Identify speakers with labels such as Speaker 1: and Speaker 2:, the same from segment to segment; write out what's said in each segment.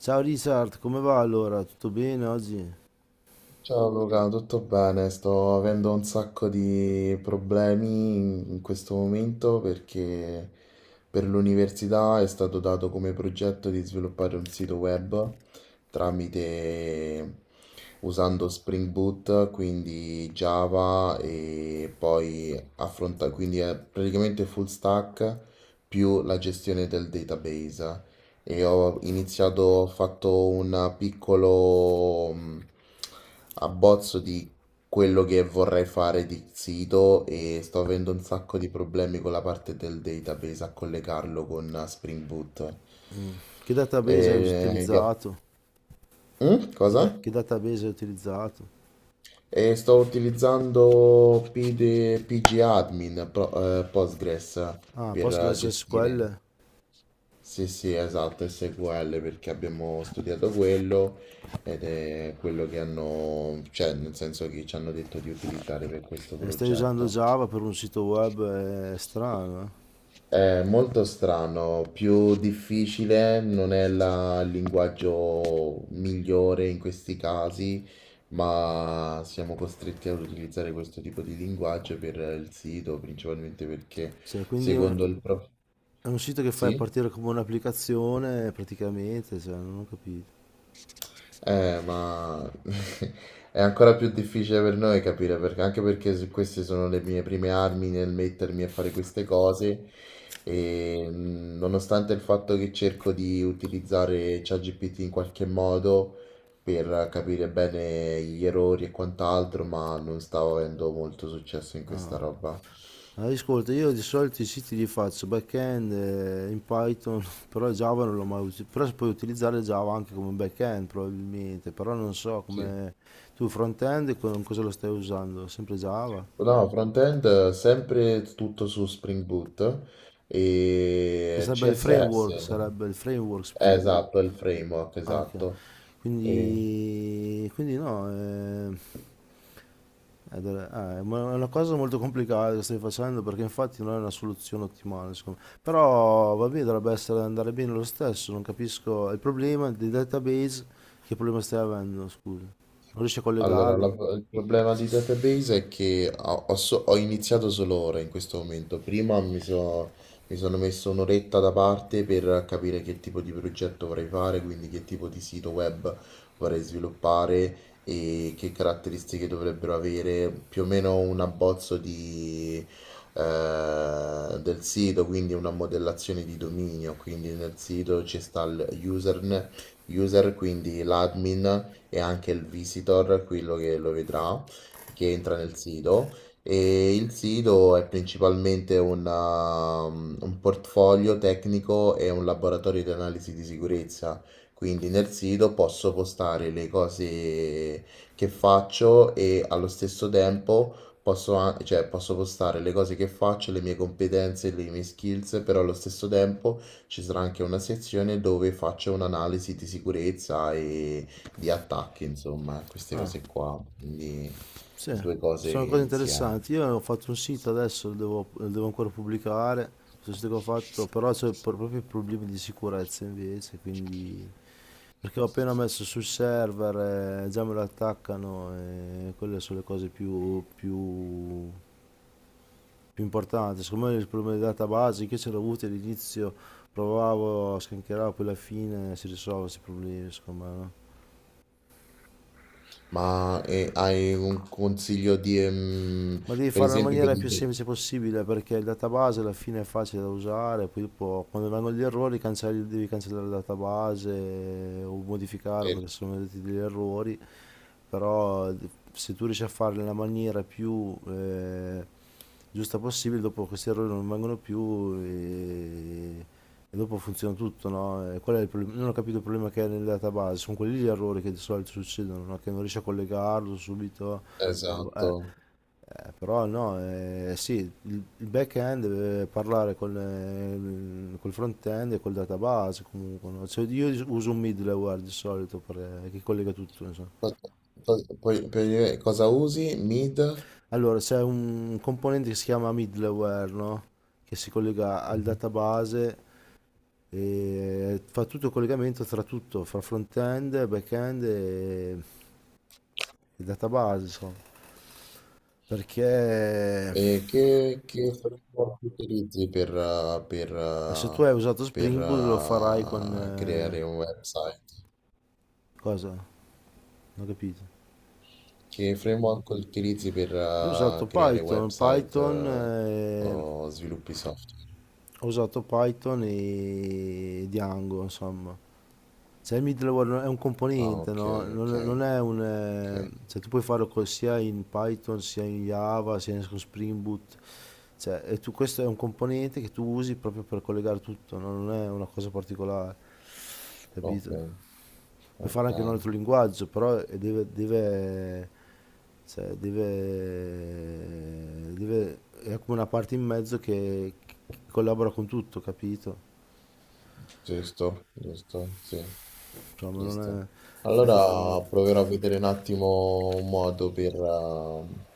Speaker 1: Ciao Richard, come va allora? Tutto bene oggi?
Speaker 2: Ciao Luca, tutto bene? Sto avendo un sacco di problemi in questo momento perché per l'università è stato dato come progetto di sviluppare un sito web tramite usando Spring Boot, quindi Java e poi affronta, quindi è praticamente full stack più la gestione del database. E ho iniziato, ho fatto un piccolo abbozzo di quello che vorrei fare di sito e sto avendo un sacco di problemi con la parte del database a collegarlo con Spring Boot.
Speaker 1: Che database hai
Speaker 2: E, gli app-
Speaker 1: utilizzato?
Speaker 2: Mm?
Speaker 1: Che, da-
Speaker 2: Cosa?
Speaker 1: che database hai utilizzato?
Speaker 2: E sto utilizzando PD PG Admin, Pro- Postgres
Speaker 1: Ah,
Speaker 2: per gestire.
Speaker 1: PostgreSQL.
Speaker 2: Sì, sì, esatto, SQL perché abbiamo studiato quello ed è quello che hanno, cioè nel senso che ci hanno detto di utilizzare per questo
Speaker 1: E stai usando
Speaker 2: progetto.
Speaker 1: Java per un sito web, è strano, eh?
Speaker 2: È molto strano, più difficile, non è la- il linguaggio migliore in questi casi, ma siamo costretti ad utilizzare questo tipo di linguaggio per il sito, principalmente perché
Speaker 1: Cioè, quindi è un
Speaker 2: secondo il prof...
Speaker 1: è un sito che fai
Speaker 2: Sì?
Speaker 1: partire come un'applicazione praticamente, cioè, non ho capito.
Speaker 2: Ma è ancora più difficile per noi capire perché, anche perché se queste sono le mie prime armi nel mettermi a fare queste cose e nonostante il fatto che cerco di utilizzare ChatGPT in qualche modo per capire bene gli errori e quant'altro, ma non stavo avendo molto successo in questa roba.
Speaker 1: Allora, ascolta, io di solito i siti li faccio back-end in Python, però Java non l'ho mai usato, però puoi utilizzare Java anche come back-end probabilmente, però non so
Speaker 2: Sì.
Speaker 1: come tu front-end con cosa lo stai usando, sempre Java?
Speaker 2: No, front-end sempre tutto su Spring Boot
Speaker 1: Che
Speaker 2: e CSS.
Speaker 1: sarebbe il framework Spring Boot.
Speaker 2: Esatto, è il framework,
Speaker 1: Ah, ok.
Speaker 2: esatto. E-
Speaker 1: Quindi no, ed è è una cosa molto complicata che stai facendo perché infatti non è una soluzione ottimale, secondo me. Però va bene, dovrebbe essere andare bene lo stesso, non capisco il problema dei database, che problema stai avendo, scusa. Non riesci a
Speaker 2: Allora, la-
Speaker 1: collegarlo?
Speaker 2: il problema di database è che ho, ho so- ho iniziato solo ora in questo momento. Prima mi, so- mi sono messo un'oretta da parte per capire che tipo di progetto vorrei fare, quindi che tipo di sito web vorrei sviluppare e che caratteristiche dovrebbero avere, più o meno un abbozzo di, del sito, quindi una modellazione di dominio. Quindi nel sito ci sta il userne- user, quindi l'admin e anche il visitor, quello che lo vedrà, che entra nel sito. E il sito è principalmente una- un portfolio tecnico e un laboratorio di analisi di sicurezza. Quindi nel sito posso postare le cose che faccio e allo stesso tempo posso, a- cioè, posso postare le cose che faccio, le mie competenze, le mie skills, però allo stesso tempo ci sarà anche una sezione dove faccio un'analisi di sicurezza e di attacchi, insomma, queste
Speaker 1: Ah,
Speaker 2: cose qua, quindi
Speaker 1: sì.
Speaker 2: due cose
Speaker 1: Sono cose
Speaker 2: insieme.
Speaker 1: interessanti. Io ho fatto un sito adesso, lo devo ancora pubblicare, questo sito che ho fatto, però c'è proprio problemi di sicurezza invece, quindi perché ho appena messo sul server, già me lo attaccano e quelle sono le cose più, più, più importanti. Secondo me il problema di database che ce l'ho avuto all'inizio, provavo, scancheravo, poi alla fine si risolvono questi problemi, secondo me, no?
Speaker 2: Ma hai un consiglio di,
Speaker 1: Ma devi
Speaker 2: per
Speaker 1: fare nella
Speaker 2: esempio, che
Speaker 1: maniera più
Speaker 2: dite,
Speaker 1: semplice possibile perché il database alla fine è facile da usare, poi dopo quando vengono gli errori devi cancellare il database o modificare
Speaker 2: eh,
Speaker 1: perché sono venuti degli errori, però se tu riesci a farlo nella maniera più giusta possibile, dopo questi errori non vengono più e dopo funziona tutto, no? E qual è il problema? Non ho capito il problema che è nel database, sono quelli gli errori che di solito succedono, no? Che non riesci a collegarlo subito,
Speaker 2: esatto,
Speaker 1: eh, però no, sì, il back-end deve parlare con, col front-end e col database comunque, no? Cioè, io uso un middleware di solito che collega tutto, insomma.
Speaker 2: Co- co- poi- per- cosa usi? Mid?
Speaker 1: Allora, c'è un componente che si chiama middleware, no? Che si collega al
Speaker 2: Mhm.
Speaker 1: database e fa tutto il collegamento tra tutto, fra front-end, back-end e database, insomma. Perché
Speaker 2: E che framework utilizzi
Speaker 1: ma se tu hai usato
Speaker 2: per,
Speaker 1: Spring Boot lo farai con... eh,
Speaker 2: creare un website?
Speaker 1: cosa? Non ho capito.
Speaker 2: Che framework utilizzi per
Speaker 1: Io ho usato
Speaker 2: creare
Speaker 1: Python,
Speaker 2: website
Speaker 1: Python,
Speaker 2: o sviluppi software?
Speaker 1: ho usato Python e Django, insomma. Cioè il middleware è un
Speaker 2: Ah,
Speaker 1: componente,
Speaker 2: ok,
Speaker 1: no? Non,
Speaker 2: ok,
Speaker 1: non è un.
Speaker 2: ok,
Speaker 1: Cioè tu puoi farlo sia in Python, sia in Java, sia con Spring Boot. Cioè, e questo è un componente che tu usi proprio per collegare tutto, no? Non è una cosa particolare,
Speaker 2: ok,
Speaker 1: capito? Puoi fare
Speaker 2: ok.
Speaker 1: anche in un altro linguaggio, però deve, cioè, deve, è come una parte in mezzo che collabora con tutto, capito?
Speaker 2: Giusto, giusto, sì,
Speaker 1: Insomma,
Speaker 2: giusto.
Speaker 1: non è-
Speaker 2: Allora proverò a vedere un attimo un modo per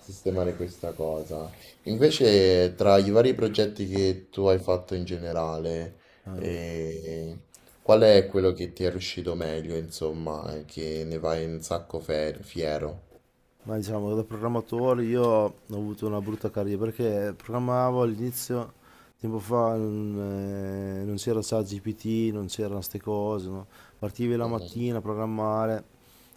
Speaker 2: sistemare questa cosa. Invece, tra i vari progetti che tu hai fatto in generale,
Speaker 1: eh.
Speaker 2: eh, qual è quello che ti è riuscito meglio, insomma, e che ne vai un sacco fiero?
Speaker 1: Ma diciamo, da programmatore io ho avuto una brutta carriera perché programmavo all'inizio, tempo fa, non c'era ChatGPT, non c'erano queste cose, no? Partivi la
Speaker 2: Mhm,
Speaker 1: mattina a programmare,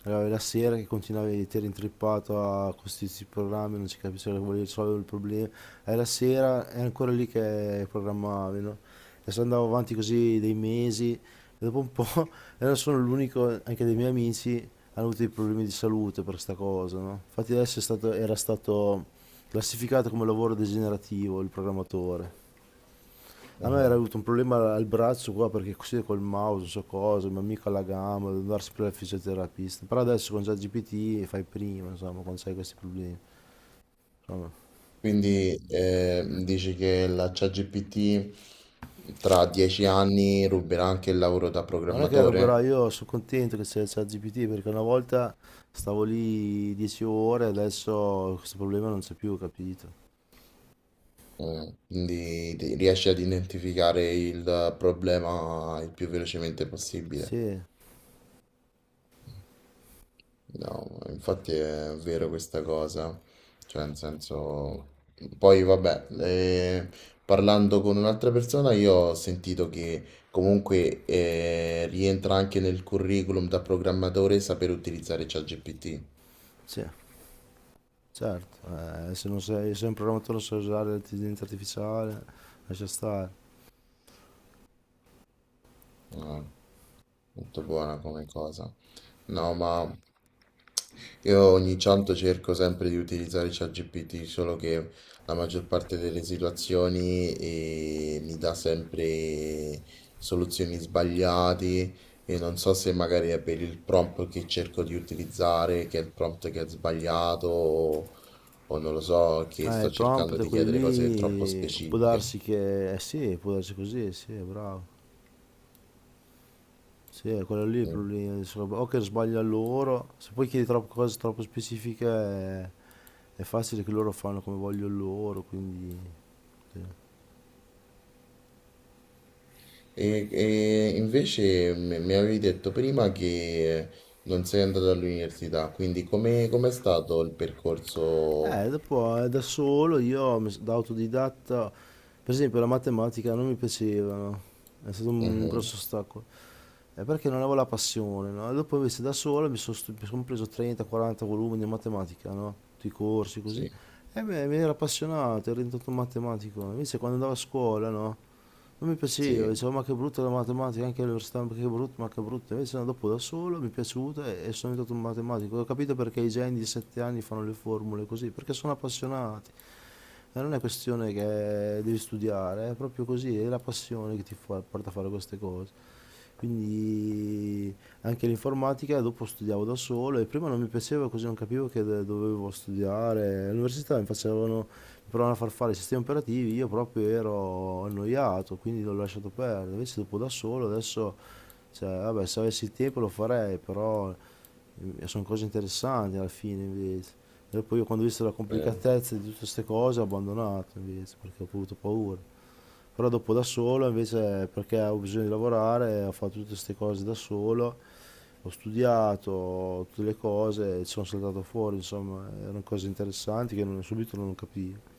Speaker 1: arrivavi la sera che continuavi, ti eri intrippato a questi programmi, non si capisce cosa volevi risolvere il problema, e la sera è ancora lì che programmavi, no? E se andavo avanti così dei mesi e dopo un po' non sono l'unico, anche dei miei amici hanno avuto dei problemi di salute per sta cosa, no? Infatti adesso era stato classificato come lavoro degenerativo il programmatore. A me era
Speaker 2: mhm.
Speaker 1: avuto un problema al braccio qua perché così col mouse, non so cosa, il mio amico alla gamba, devo andare sempre al fisioterapista. Però adesso con ChatGPT fai prima, insomma, quando hai questi problemi. Insomma.
Speaker 2: Quindi dici che la ChatGPT tra 10 anni ruberà anche il lavoro da
Speaker 1: Ma non è che ruberò,
Speaker 2: programmatore?
Speaker 1: io sono contento che c'è ChatGPT perché una volta stavo lì 10 ore, e adesso questo problema non c'è più, capito?
Speaker 2: Mm, quindi riesci ad identificare il problema il più velocemente possibile.
Speaker 1: Sì,
Speaker 2: No, infatti è vero questa cosa. Cioè, nel senso... Poi vabbè, parlando con un'altra persona io ho sentito che comunque rientra anche nel curriculum da programmatore saper utilizzare ChatGPT.
Speaker 1: sì, certo. Se un programmatore non sa usare l'intelligenza artificiale, lascia stare.
Speaker 2: Mm, molto buona come cosa. No, ma io ogni tanto cerco sempre di utilizzare ChatGPT, solo che la maggior parte delle situazioni mi dà sempre soluzioni sbagliate e non so se magari è per il prompt che cerco di utilizzare, che è il prompt che è sbagliato o non lo so, che
Speaker 1: I
Speaker 2: sto cercando
Speaker 1: prompt,
Speaker 2: di
Speaker 1: quelli
Speaker 2: chiedere cose troppo
Speaker 1: lì, può
Speaker 2: specifiche.
Speaker 1: darsi che. Eh sì, può darsi così, sì, bravo. Sì, è quello lì il
Speaker 2: Mm.
Speaker 1: problema. O che sbaglia loro, se poi chiedi troppe cose troppo specifiche, è facile che loro fanno come vogliono loro, quindi, sì.
Speaker 2: E invece mi avevi detto prima che non sei andato all'università, quindi come com'è stato il percorso?
Speaker 1: Dopo da solo io da autodidatta, per esempio la matematica non mi piaceva, no? È stato un
Speaker 2: Mhm,
Speaker 1: grosso ostacolo. È perché non avevo la passione, no? E dopo invece da solo mi sono preso 30-40 volumi di matematica, no? Tutti i corsi così.
Speaker 2: sì,
Speaker 1: E mi era appassionato, ero diventato un matematico. Invece quando andavo a scuola, no? Non mi piaceva,
Speaker 2: sì.
Speaker 1: dicevo ma che brutta la matematica, anche all'università, ma che brutta, ma che brutta. Invece no, dopo da solo mi è piaciuta e sono diventato un matematico. Ho capito perché i geni di 7 anni fanno le formule così, perché sono appassionati. E non è questione che devi studiare, è proprio così, è la passione che porta a fare queste cose. Quindi anche l'informatica dopo studiavo da solo e prima non mi piaceva così non capivo che dovevo studiare. All'università mi provavano a far fare i sistemi operativi, io proprio ero annoiato, quindi l'ho lasciato perdere. Invece dopo da solo adesso, cioè, vabbè, se avessi il tempo lo farei, però sono cose interessanti alla fine invece. E poi io quando ho visto la
Speaker 2: Eh.
Speaker 1: complicatezza di tutte queste cose ho abbandonato invece perché ho avuto paura. Però dopo da solo invece perché ho bisogno di lavorare, ho fatto tutte queste cose da solo, ho studiato tutte le cose e ci sono saltato fuori, insomma, erano cose interessanti che subito non capivo.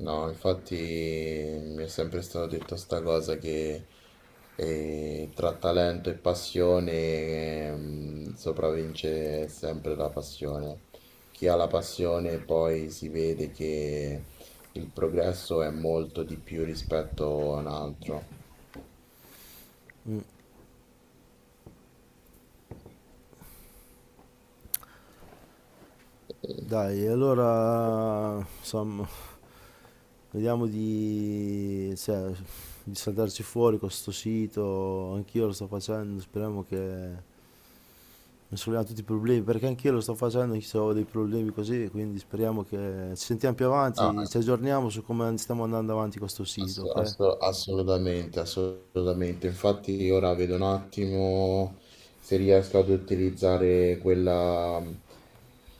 Speaker 2: No, infatti mi è sempre stato detto sta cosa che tra talento e passione sopravvince sempre la passione. Chi ha la passione poi si vede che il progresso è molto di più rispetto a un altro.
Speaker 1: Mm.
Speaker 2: Eh,
Speaker 1: Dai, allora insomma, vediamo cioè, di saltarci fuori con questo sito, anch'io lo sto facendo, speriamo che mi solleviamo tutti i problemi, perché anch'io lo sto facendo, anch'io ho dei problemi così, quindi speriamo che ci sentiamo più
Speaker 2: No,
Speaker 1: avanti, ci aggiorniamo su come stiamo andando avanti con questo sito, ok?
Speaker 2: Assolutamente, assolutamente. Infatti ora vedo un attimo se riesco ad utilizzare quella,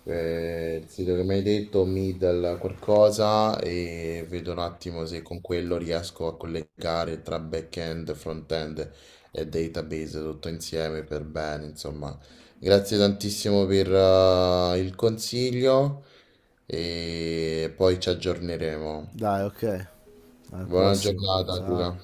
Speaker 2: il sito che mi hai detto, Middle qualcosa, e vedo un attimo se con quello riesco a collegare tra back-end, front-end e database tutto insieme per bene, insomma. Grazie tantissimo per, il consiglio e poi ci aggiorneremo.
Speaker 1: Dai, ok, al
Speaker 2: Buona
Speaker 1: prossimo,
Speaker 2: giornata,
Speaker 1: ciao.
Speaker 2: Luca.